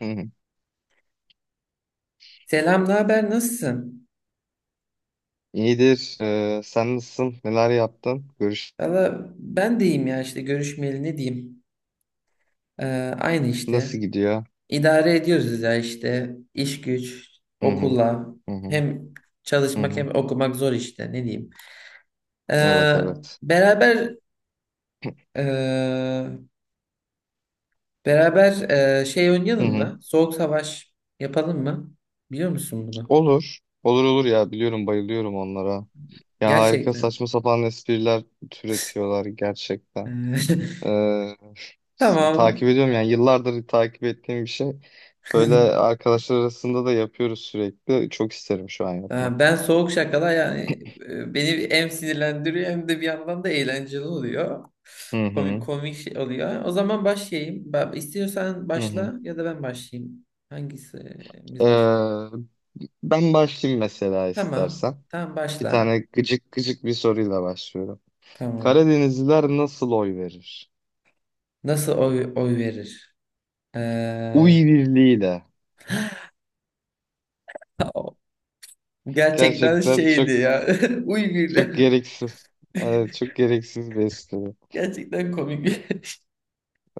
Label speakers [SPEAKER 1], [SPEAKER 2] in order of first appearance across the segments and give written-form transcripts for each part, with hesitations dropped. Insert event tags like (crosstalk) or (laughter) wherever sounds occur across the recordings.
[SPEAKER 1] Hı hı.
[SPEAKER 2] Selam, ne haber? Nasılsın?
[SPEAKER 1] İyidir. Sen nasılsın? Neler yaptın? Görüş
[SPEAKER 2] Valla ben deyim ya işte görüşmeyeli ne diyeyim? Aynı işte.
[SPEAKER 1] nasıl gidiyor?
[SPEAKER 2] İdare ediyoruz ya işte. İş güç,
[SPEAKER 1] Hı hı.
[SPEAKER 2] okulla.
[SPEAKER 1] Hı hı.
[SPEAKER 2] Hem
[SPEAKER 1] Hı
[SPEAKER 2] çalışmak
[SPEAKER 1] hı.
[SPEAKER 2] hem okumak zor işte ne diyeyim.
[SPEAKER 1] Evet
[SPEAKER 2] Ee,
[SPEAKER 1] evet.
[SPEAKER 2] beraber ee, beraber şey
[SPEAKER 1] Hı
[SPEAKER 2] oynayalım
[SPEAKER 1] hı.
[SPEAKER 2] mı? Soğuk savaş yapalım mı? Biliyor musun bunu?
[SPEAKER 1] Olur. Olur olur ya, biliyorum, bayılıyorum onlara. Ya harika,
[SPEAKER 2] Gerçekten.
[SPEAKER 1] saçma
[SPEAKER 2] (laughs)
[SPEAKER 1] sapan espriler türetiyorlar gerçekten.
[SPEAKER 2] Ee, (laughs)
[SPEAKER 1] Ee, s-
[SPEAKER 2] Tamam.
[SPEAKER 1] takip ediyorum, yani yıllardır takip ettiğim bir şey. Böyle
[SPEAKER 2] (laughs)
[SPEAKER 1] arkadaşlar arasında da yapıyoruz sürekli. Çok isterim şu an
[SPEAKER 2] Ha,
[SPEAKER 1] yapmak.
[SPEAKER 2] ben soğuk şakalar beni hem sinirlendiriyor hem de bir yandan da eğlenceli oluyor.
[SPEAKER 1] Hı
[SPEAKER 2] Komik
[SPEAKER 1] hı.
[SPEAKER 2] komik şey oluyor. O zaman başlayayım. Ben, istiyorsan
[SPEAKER 1] Hı hı.
[SPEAKER 2] başla ya da ben başlayayım. Hangisi
[SPEAKER 1] Ee,
[SPEAKER 2] biz başlasın?
[SPEAKER 1] ben başlayayım mesela,
[SPEAKER 2] Tamam.
[SPEAKER 1] istersen.
[SPEAKER 2] Tamam
[SPEAKER 1] Bir
[SPEAKER 2] başla.
[SPEAKER 1] tane gıcık gıcık bir soruyla başlıyorum.
[SPEAKER 2] Tamam.
[SPEAKER 1] Karadenizliler nasıl oy verir?
[SPEAKER 2] Nasıl oy verir? Ee,
[SPEAKER 1] Uy birliğiyle.
[SPEAKER 2] (laughs) gerçekten
[SPEAKER 1] Gerçekten çok
[SPEAKER 2] şeydi ya. (laughs) Uy birle.
[SPEAKER 1] çok gereksiz. Evet, çok gereksiz bir espri.
[SPEAKER 2] Gerçekten komik bir (laughs)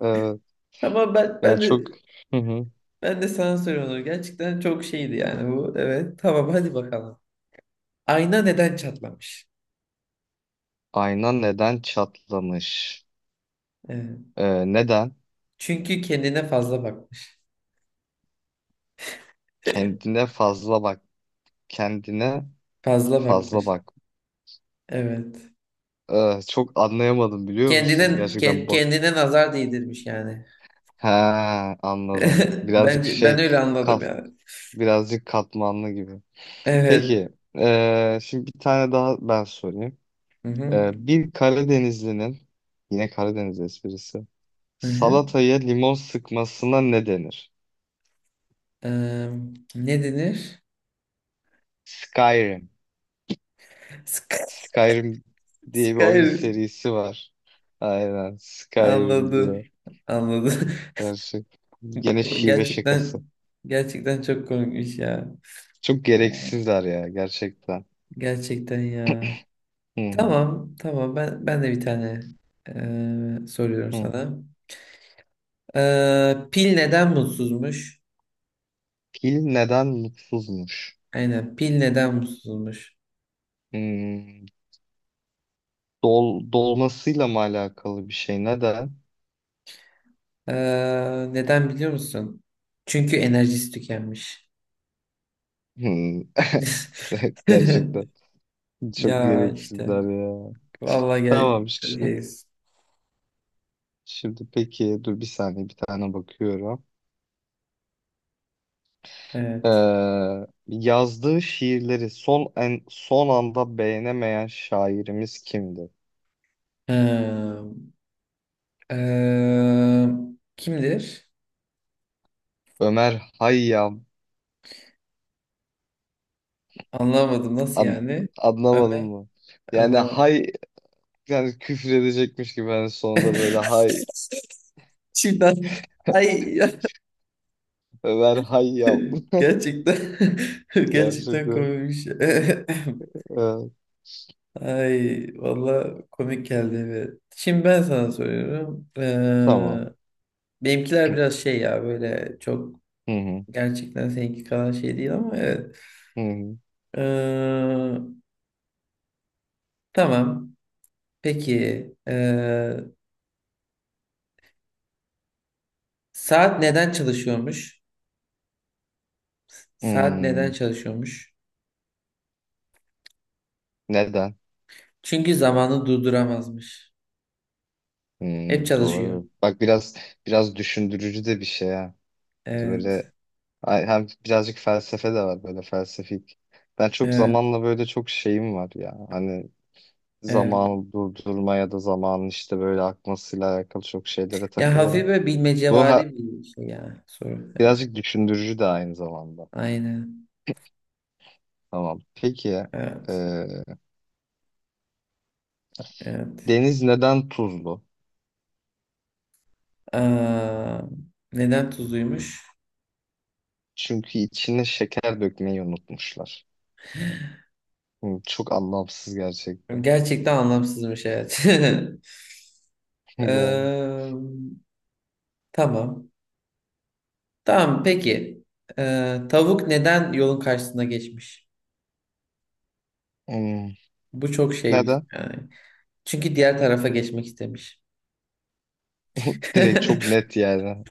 [SPEAKER 1] Evet.
[SPEAKER 2] Tamam ben ben
[SPEAKER 1] Yani
[SPEAKER 2] de
[SPEAKER 1] çok. Hı hı.
[SPEAKER 2] ben de sana soruyorum. Gerçekten çok şeydi yani bu. Evet. Tamam hadi bakalım. Ayna neden çatlamış?
[SPEAKER 1] Ayna neden çatlamış?
[SPEAKER 2] Evet.
[SPEAKER 1] Neden?
[SPEAKER 2] Çünkü kendine fazla bakmış. (laughs)
[SPEAKER 1] Kendine fazla bak. Kendine
[SPEAKER 2] Fazla
[SPEAKER 1] fazla
[SPEAKER 2] bakmış.
[SPEAKER 1] bak.
[SPEAKER 2] Evet.
[SPEAKER 1] Çok anlayamadım, biliyor musun?
[SPEAKER 2] Kendine
[SPEAKER 1] Gerçekten bu.
[SPEAKER 2] kendine nazar değdirmiş yani.
[SPEAKER 1] He, anladım.
[SPEAKER 2] (laughs)
[SPEAKER 1] Birazcık
[SPEAKER 2] Bence ben
[SPEAKER 1] şey.
[SPEAKER 2] öyle anladım
[SPEAKER 1] Kaf,
[SPEAKER 2] yani.
[SPEAKER 1] Birazcık katmanlı gibi.
[SPEAKER 2] Evet.
[SPEAKER 1] Peki, şimdi bir tane daha ben sorayım.
[SPEAKER 2] Hı hı.
[SPEAKER 1] Bir Karadenizlinin, yine Karadeniz esprisi,
[SPEAKER 2] Hı hı.
[SPEAKER 1] salataya limon sıkmasına ne denir?
[SPEAKER 2] Eee, ne denir?
[SPEAKER 1] Skyrim.
[SPEAKER 2] (laughs) Sky
[SPEAKER 1] Skyrim diye bir oyun
[SPEAKER 2] Skyrim.
[SPEAKER 1] serisi var. Aynen, Skyrim
[SPEAKER 2] Anladım.
[SPEAKER 1] diye.
[SPEAKER 2] Anladım.
[SPEAKER 1] Gerçek. Gene
[SPEAKER 2] (laughs)
[SPEAKER 1] şive şakası.
[SPEAKER 2] Gerçekten gerçekten çok komikmiş ya.
[SPEAKER 1] Çok gereksizler ya, gerçekten.
[SPEAKER 2] Gerçekten ya.
[SPEAKER 1] Hı hı,
[SPEAKER 2] Tamam, tamam. Ben de bir tane soruyorum
[SPEAKER 1] hı hı.
[SPEAKER 2] sana. Pil neden mutsuzmuş?
[SPEAKER 1] Fil neden mutsuzmuş?
[SPEAKER 2] Aynen pil neden mutsuzmuş?
[SPEAKER 1] Hmm, dolmasıyla mı alakalı bir şey? Neden?
[SPEAKER 2] Ee, neden biliyor musun? Çünkü enerjisi tükenmiş.
[SPEAKER 1] Hmm. (laughs) Evet, gerçekten
[SPEAKER 2] (laughs)
[SPEAKER 1] çok
[SPEAKER 2] Ya işte
[SPEAKER 1] gereksizler ya.
[SPEAKER 2] vallahi gel,
[SPEAKER 1] Tamam, şimdi,
[SPEAKER 2] geliz.
[SPEAKER 1] şimdi peki, dur bir saniye, bir tane bakıyorum.
[SPEAKER 2] Evet.
[SPEAKER 1] Yazdığı şiirleri son anda beğenemeyen şairimiz kimdi?
[SPEAKER 2] Ee, ee, kimdir?
[SPEAKER 1] Ömer Hayyam.
[SPEAKER 2] Anlamadım nasıl
[SPEAKER 1] An-
[SPEAKER 2] yani?
[SPEAKER 1] anlamadın
[SPEAKER 2] Ömer
[SPEAKER 1] mı? Yani
[SPEAKER 2] anlamadım.
[SPEAKER 1] hay, yani küfür edecekmiş gibi, ben sonunda böyle hay
[SPEAKER 2] Şimdi ay
[SPEAKER 1] Ömer Hayyam.
[SPEAKER 2] (laughs) gerçekten (laughs)
[SPEAKER 1] (laughs)
[SPEAKER 2] gerçekten
[SPEAKER 1] Gerçekten.
[SPEAKER 2] komikmiş. (laughs)
[SPEAKER 1] Ee,
[SPEAKER 2] Ay valla komik geldi. Evet. Şimdi ben sana soruyorum.
[SPEAKER 1] tamam.
[SPEAKER 2] Benimkiler biraz şey ya böyle çok
[SPEAKER 1] Hı hı.
[SPEAKER 2] gerçekten seninki kadar şey değil ama evet.
[SPEAKER 1] Hı hı.
[SPEAKER 2] Ee, tamam. Peki saat neden çalışıyormuş? Saat neden
[SPEAKER 1] Hmm,
[SPEAKER 2] çalışıyormuş?
[SPEAKER 1] Neden?
[SPEAKER 2] Çünkü zamanı durduramazmış. Hep
[SPEAKER 1] Hmm,
[SPEAKER 2] çalışıyor.
[SPEAKER 1] doğru. Bak, biraz düşündürücü de bir şey ha.
[SPEAKER 2] Evet.
[SPEAKER 1] Böyle Hem birazcık felsefe de var, böyle felsefik. Ben çok
[SPEAKER 2] Evet.
[SPEAKER 1] zamanla böyle çok şeyim var ya. Hani
[SPEAKER 2] Evet.
[SPEAKER 1] zamanı durdurma ya da zamanın işte böyle akmasıyla alakalı çok şeylere
[SPEAKER 2] Ya hafif
[SPEAKER 1] takılırım.
[SPEAKER 2] böyle
[SPEAKER 1] Bu ha-
[SPEAKER 2] bilmecevari bir şey ya soru. Evet.
[SPEAKER 1] Birazcık düşündürücü de aynı zamanda.
[SPEAKER 2] Aynen.
[SPEAKER 1] Tamam. Peki, e,
[SPEAKER 2] Evet. Evet.
[SPEAKER 1] deniz neden tuzlu?
[SPEAKER 2] Aa, neden tuzluymuş?
[SPEAKER 1] Çünkü içine şeker dökmeyi unutmuşlar. Çok anlamsız gerçekten.
[SPEAKER 2] Gerçekten anlamsızmış evet. (laughs)
[SPEAKER 1] (laughs) Yani.
[SPEAKER 2] Eee, tamam. Tamam peki. Tavuk neden yolun karşısına geçmiş?
[SPEAKER 1] hmm,
[SPEAKER 2] Bu çok şey bir-
[SPEAKER 1] Neden?
[SPEAKER 2] yani. Çünkü diğer tarafa geçmek istemiş.
[SPEAKER 1] Direkt çok
[SPEAKER 2] (laughs)
[SPEAKER 1] net yani.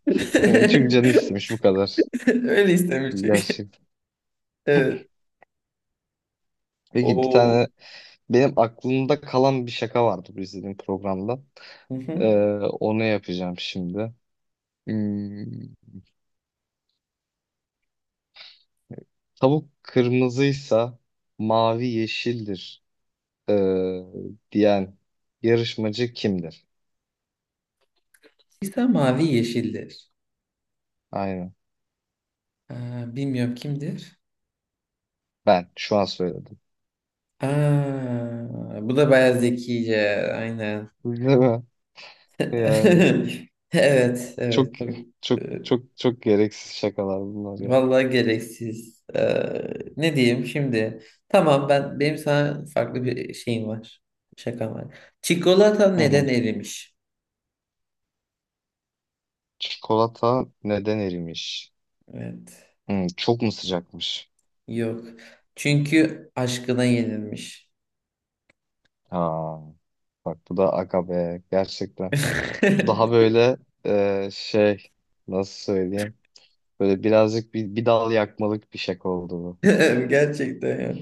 [SPEAKER 1] Yani çünkü canı istemiş, bu kadar.
[SPEAKER 2] Öyle istemiş çünkü.
[SPEAKER 1] Gerçek.
[SPEAKER 2] Evet.
[SPEAKER 1] Peki, bir
[SPEAKER 2] O.
[SPEAKER 1] tane benim aklımda kalan bir şaka vardı bu izlediğim programda.
[SPEAKER 2] Hı
[SPEAKER 1] Ee,
[SPEAKER 2] hı.
[SPEAKER 1] onu yapacağım şimdi. Hmm, tavuk kırmızıysa mavi yeşildir, ee, diyen yarışmacı kimdir?
[SPEAKER 2] İsa mavi yeşildir.
[SPEAKER 1] Aynen.
[SPEAKER 2] Aa, bilmiyorum kimdir?
[SPEAKER 1] Ben şu an söyledim.
[SPEAKER 2] Aa, bu da bayağı zekice. Aynen.
[SPEAKER 1] (laughs) Değil mi? Yani
[SPEAKER 2] (laughs) Evet,
[SPEAKER 1] çok
[SPEAKER 2] evet
[SPEAKER 1] çok
[SPEAKER 2] e,
[SPEAKER 1] çok çok gereksiz şakalar bunlar ya.
[SPEAKER 2] vallahi gereksiz. E, ne diyeyim şimdi? Tamam benim sana farklı bir şeyim var. Şakam var. Çikolata
[SPEAKER 1] Hı hı.
[SPEAKER 2] neden erimiş?
[SPEAKER 1] Çikolata neden erimiş?
[SPEAKER 2] Evet.
[SPEAKER 1] Çok mu sıcakmış?
[SPEAKER 2] Yok. Çünkü aşkına yenilmiş.
[SPEAKER 1] Ha, bak bu da aga be, gerçekten. Bu daha
[SPEAKER 2] (laughs)
[SPEAKER 1] böyle, şey, nasıl söyleyeyim? Böyle birazcık bir dal yakmalık bir şaka oldu bu.
[SPEAKER 2] Gerçekten ya.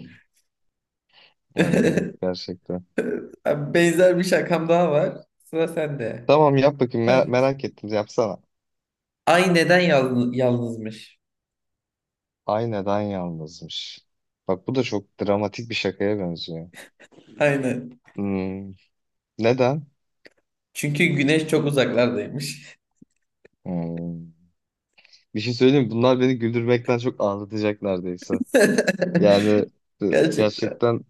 [SPEAKER 1] Evet evet, gerçekten.
[SPEAKER 2] (laughs) Benzer bir şakam daha var. Sıra sende.
[SPEAKER 1] Tamam, yap bakayım,
[SPEAKER 2] Neredesin?
[SPEAKER 1] merak ettim, yapsana.
[SPEAKER 2] Ay neden yalnızmış?
[SPEAKER 1] Ay neden yalnızmış? Bak, bu da çok dramatik bir şakaya benziyor.
[SPEAKER 2] Aynen.
[SPEAKER 1] Hmm, neden?
[SPEAKER 2] Çünkü güneş çok uzaklardaymış.
[SPEAKER 1] Hmm. Bir şey söyleyeyim mi? Bunlar beni güldürmekten çok ağlatacak neredeyse. Yani, e,
[SPEAKER 2] (laughs) Gerçekten.
[SPEAKER 1] gerçekten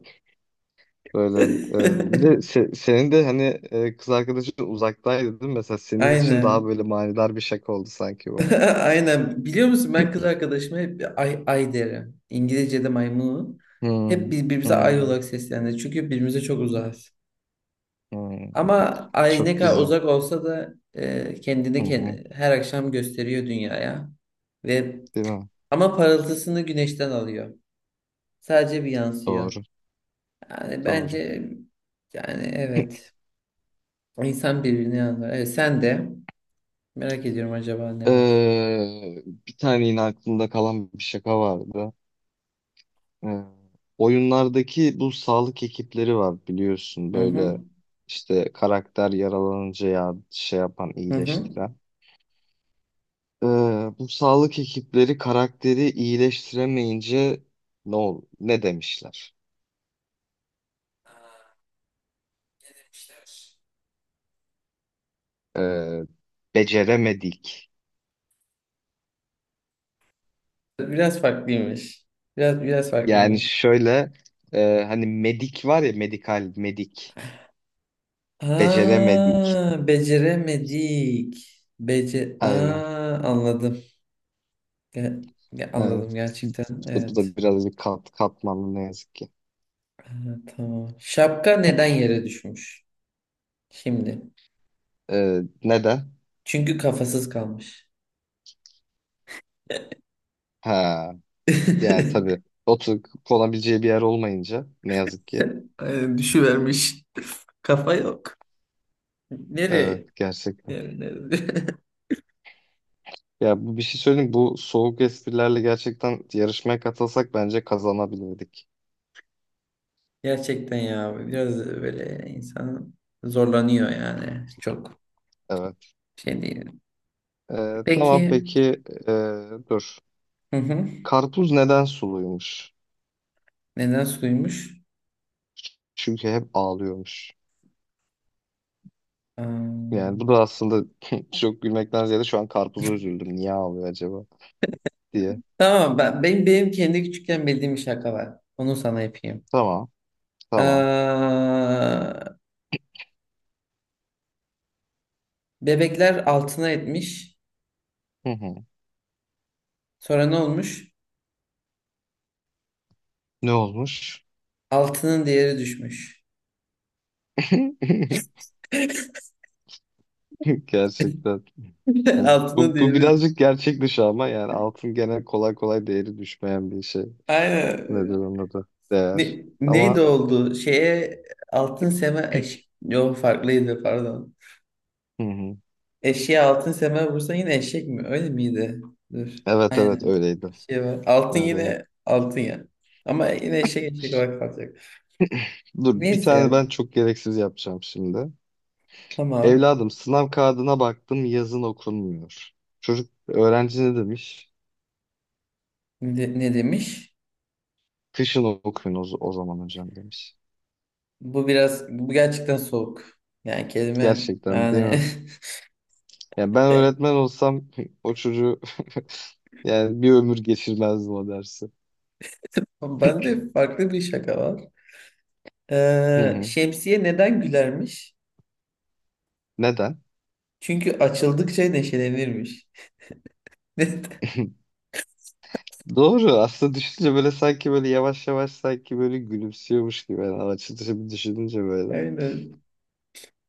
[SPEAKER 1] böyle. Bir de
[SPEAKER 2] (laughs)
[SPEAKER 1] senin de hani, kız arkadaşın uzaktaydı değil mi? Mesela senin için daha
[SPEAKER 2] Aynen.
[SPEAKER 1] böyle manidar bir şaka oldu sanki bu.
[SPEAKER 2] (laughs) Aynen. Biliyor musun ben kız arkadaşıma hep ay, ay derim. İngilizce'de my moon. Hep
[SPEAKER 1] Hmm,
[SPEAKER 2] birbirimize ay
[SPEAKER 1] hmm,
[SPEAKER 2] olarak sesleniriz. Çünkü birbirimize çok uzağız.
[SPEAKER 1] hmm.
[SPEAKER 2] Ama ay ne
[SPEAKER 1] Çok
[SPEAKER 2] kadar
[SPEAKER 1] güzel.
[SPEAKER 2] uzak olsa da
[SPEAKER 1] Hı hı,
[SPEAKER 2] her akşam gösteriyor dünyaya. Ve
[SPEAKER 1] değil mi?
[SPEAKER 2] ama parıltısını güneşten alıyor. Sadece bir yansıyor.
[SPEAKER 1] Doğru,
[SPEAKER 2] Yani bence
[SPEAKER 1] doğru.
[SPEAKER 2] yani evet. İnsan birbirini anlar. Evet, sen de. Merak ediyorum acaba ne var?
[SPEAKER 1] Bir tane yine aklımda kalan bir şaka vardı. Ee, oyunlardaki bu sağlık ekipleri var, biliyorsun,
[SPEAKER 2] Hı
[SPEAKER 1] böyle
[SPEAKER 2] hı.
[SPEAKER 1] işte karakter yaralanınca ya, şey yapan,
[SPEAKER 2] Hı hı.
[SPEAKER 1] iyileştiren. Ee, bu sağlık ekipleri karakteri iyileştiremeyince ne demişler? Ee, beceremedik.
[SPEAKER 2] Biraz farklıymış. Biraz
[SPEAKER 1] Yani
[SPEAKER 2] farklıymış.
[SPEAKER 1] şöyle, hani medik var ya, medikal, medik, beceremedik.
[SPEAKER 2] Aa, beceremedik.
[SPEAKER 1] Aynen.
[SPEAKER 2] Aa, anladım. Ge-
[SPEAKER 1] Aynen.
[SPEAKER 2] anladım gerçekten.
[SPEAKER 1] Bu
[SPEAKER 2] Evet.
[SPEAKER 1] da biraz bir katmanlı, ne yazık ki.
[SPEAKER 2] Aa, tamam. Şapka neden yere düşmüş? Şimdi.
[SPEAKER 1] Neden?
[SPEAKER 2] Çünkü kafasız kalmış.
[SPEAKER 1] Ha, yani tabii,
[SPEAKER 2] (laughs)
[SPEAKER 1] oturup konabileceği bir yer olmayınca, ne yazık ki.
[SPEAKER 2] Aynen, düşüvermiş. Kafa yok.
[SPEAKER 1] Evet,
[SPEAKER 2] Nereye?
[SPEAKER 1] gerçekten.
[SPEAKER 2] Nereye? Nereye? (laughs)
[SPEAKER 1] Ya, bu, bir şey söyleyeyim. Bu soğuk esprilerle gerçekten yarışmaya katılsak bence kazanabilirdik.
[SPEAKER 2] Gerçekten ya biraz böyle insan zorlanıyor yani çok
[SPEAKER 1] Evet.
[SPEAKER 2] şey değil.
[SPEAKER 1] Ee,
[SPEAKER 2] Peki
[SPEAKER 1] tamam peki, dur.
[SPEAKER 2] hı hı.
[SPEAKER 1] Karpuz neden suluymuş?
[SPEAKER 2] Neden suymuş?
[SPEAKER 1] Çünkü hep ağlıyormuş.
[SPEAKER 2] Aa,
[SPEAKER 1] Yani bu da aslında (laughs) çok gülmekten ziyade şu an karpuza üzüldüm, niye ağlıyor acaba diye.
[SPEAKER 2] tamam benim kendi küçükken bildiğim bir şaka var. Onu sana yapayım.
[SPEAKER 1] Tamam. Tamam.
[SPEAKER 2] Aa, bebekler altına etmiş.
[SPEAKER 1] Hı hı.
[SPEAKER 2] Sonra ne olmuş?
[SPEAKER 1] Ne olmuş?
[SPEAKER 2] Altının değeri düşmüş.
[SPEAKER 1] (laughs) Gerçekten.
[SPEAKER 2] (laughs)
[SPEAKER 1] Bu,
[SPEAKER 2] Altının
[SPEAKER 1] bu
[SPEAKER 2] değeri.
[SPEAKER 1] birazcık gerçek dışı, ama yani altın gene kolay kolay değeri düşmeyen bir şey. Nedir
[SPEAKER 2] Aynen.
[SPEAKER 1] onun adı? Değer.
[SPEAKER 2] Ne, neydi
[SPEAKER 1] Ama
[SPEAKER 2] oldu? Şeye altın seme eş...
[SPEAKER 1] (clears throat)
[SPEAKER 2] Yok farklıydı pardon.
[SPEAKER 1] Hı hı.
[SPEAKER 2] Eşeğe altın semer vursan yine eşek mi? Öyle miydi? Dur.
[SPEAKER 1] Evet evet,
[SPEAKER 2] Aynen.
[SPEAKER 1] öyleydi.
[SPEAKER 2] Bir şey var. Altın
[SPEAKER 1] Evet, evet.
[SPEAKER 2] yine altın ya. Ama yine eşek eşek olarak kalacak.
[SPEAKER 1] Dur, bir tane
[SPEAKER 2] Neyse.
[SPEAKER 1] ben çok gereksiz yapacağım şimdi.
[SPEAKER 2] Tamam.
[SPEAKER 1] Evladım, sınav kağıdına baktım, yazın okunmuyor. Çocuk, öğrenci ne demiş?
[SPEAKER 2] Ne, ne demiş?
[SPEAKER 1] Kışın okuyun o zaman hocam, demiş.
[SPEAKER 2] Bu biraz bu gerçekten soğuk. Yani kelime
[SPEAKER 1] Gerçekten, değil
[SPEAKER 2] yani
[SPEAKER 1] mi? Yani ben öğretmen olsam (laughs) o çocuğu (laughs) yani bir ömür geçirmezdim o dersi.
[SPEAKER 2] (laughs) bende farklı bir şaka var.
[SPEAKER 1] Hı hı.
[SPEAKER 2] Şemsiye neden gülermiş?
[SPEAKER 1] Neden?
[SPEAKER 2] Çünkü açıldıkça neşelenirmiş. (laughs) Neden?
[SPEAKER 1] Doğru. Aslında düşününce böyle, sanki böyle yavaş yavaş, sanki böyle gülümsüyormuş gibi. Yani açılışı bir düşününce böyle.
[SPEAKER 2] Aynen.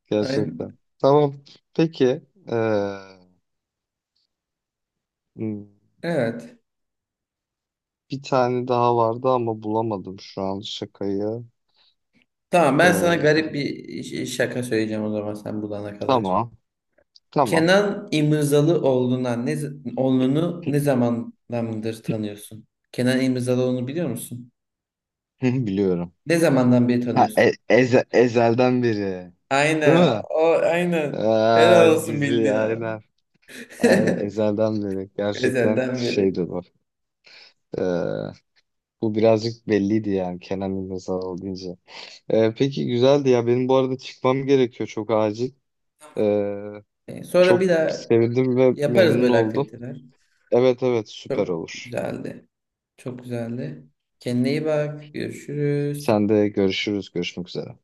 [SPEAKER 1] Gerçekten.
[SPEAKER 2] Aynen.
[SPEAKER 1] Tamam. Peki. Ee, hmm,
[SPEAKER 2] Evet.
[SPEAKER 1] bir tane daha vardı ama bulamadım şu an şakayı.
[SPEAKER 2] Tamam ben sana
[SPEAKER 1] Ee,
[SPEAKER 2] garip bir şaka söyleyeceğim o zaman sen bulana kadar.
[SPEAKER 1] tamam. Tamam.
[SPEAKER 2] Kenan İmirzalıoğlu'na ne z- oğlunu ne zamandandır tanıyorsun? Kenan İmirzalıoğlu'nu biliyor musun?
[SPEAKER 1] (laughs) Biliyorum.
[SPEAKER 2] Ne zamandan beri
[SPEAKER 1] Ha,
[SPEAKER 2] tanıyorsun?
[SPEAKER 1] Ezel'den beri. Değil
[SPEAKER 2] Aynen.
[SPEAKER 1] mi?
[SPEAKER 2] O, aynen. Helal
[SPEAKER 1] Aa,
[SPEAKER 2] olsun
[SPEAKER 1] dizi,
[SPEAKER 2] bildin ha.
[SPEAKER 1] aynen.
[SPEAKER 2] (laughs)
[SPEAKER 1] Aynen Ezel'den beri. Gerçekten
[SPEAKER 2] Ezelden beri.
[SPEAKER 1] şeydi bu. Ee, bu birazcık belliydi yani, Kenan İmirzalıoğlu deyince. Peki, güzeldi ya. Benim bu arada çıkmam gerekiyor, çok acil. Ee,
[SPEAKER 2] Sonra
[SPEAKER 1] çok
[SPEAKER 2] bir daha
[SPEAKER 1] sevindim ve
[SPEAKER 2] yaparız
[SPEAKER 1] memnun
[SPEAKER 2] böyle
[SPEAKER 1] oldum.
[SPEAKER 2] aktiviteler.
[SPEAKER 1] Evet evet, süper
[SPEAKER 2] Çok
[SPEAKER 1] olur.
[SPEAKER 2] güzeldi. Çok güzeldi. Kendine iyi bak. Görüşürüz.
[SPEAKER 1] Sen de, görüşürüz. Görüşmek üzere.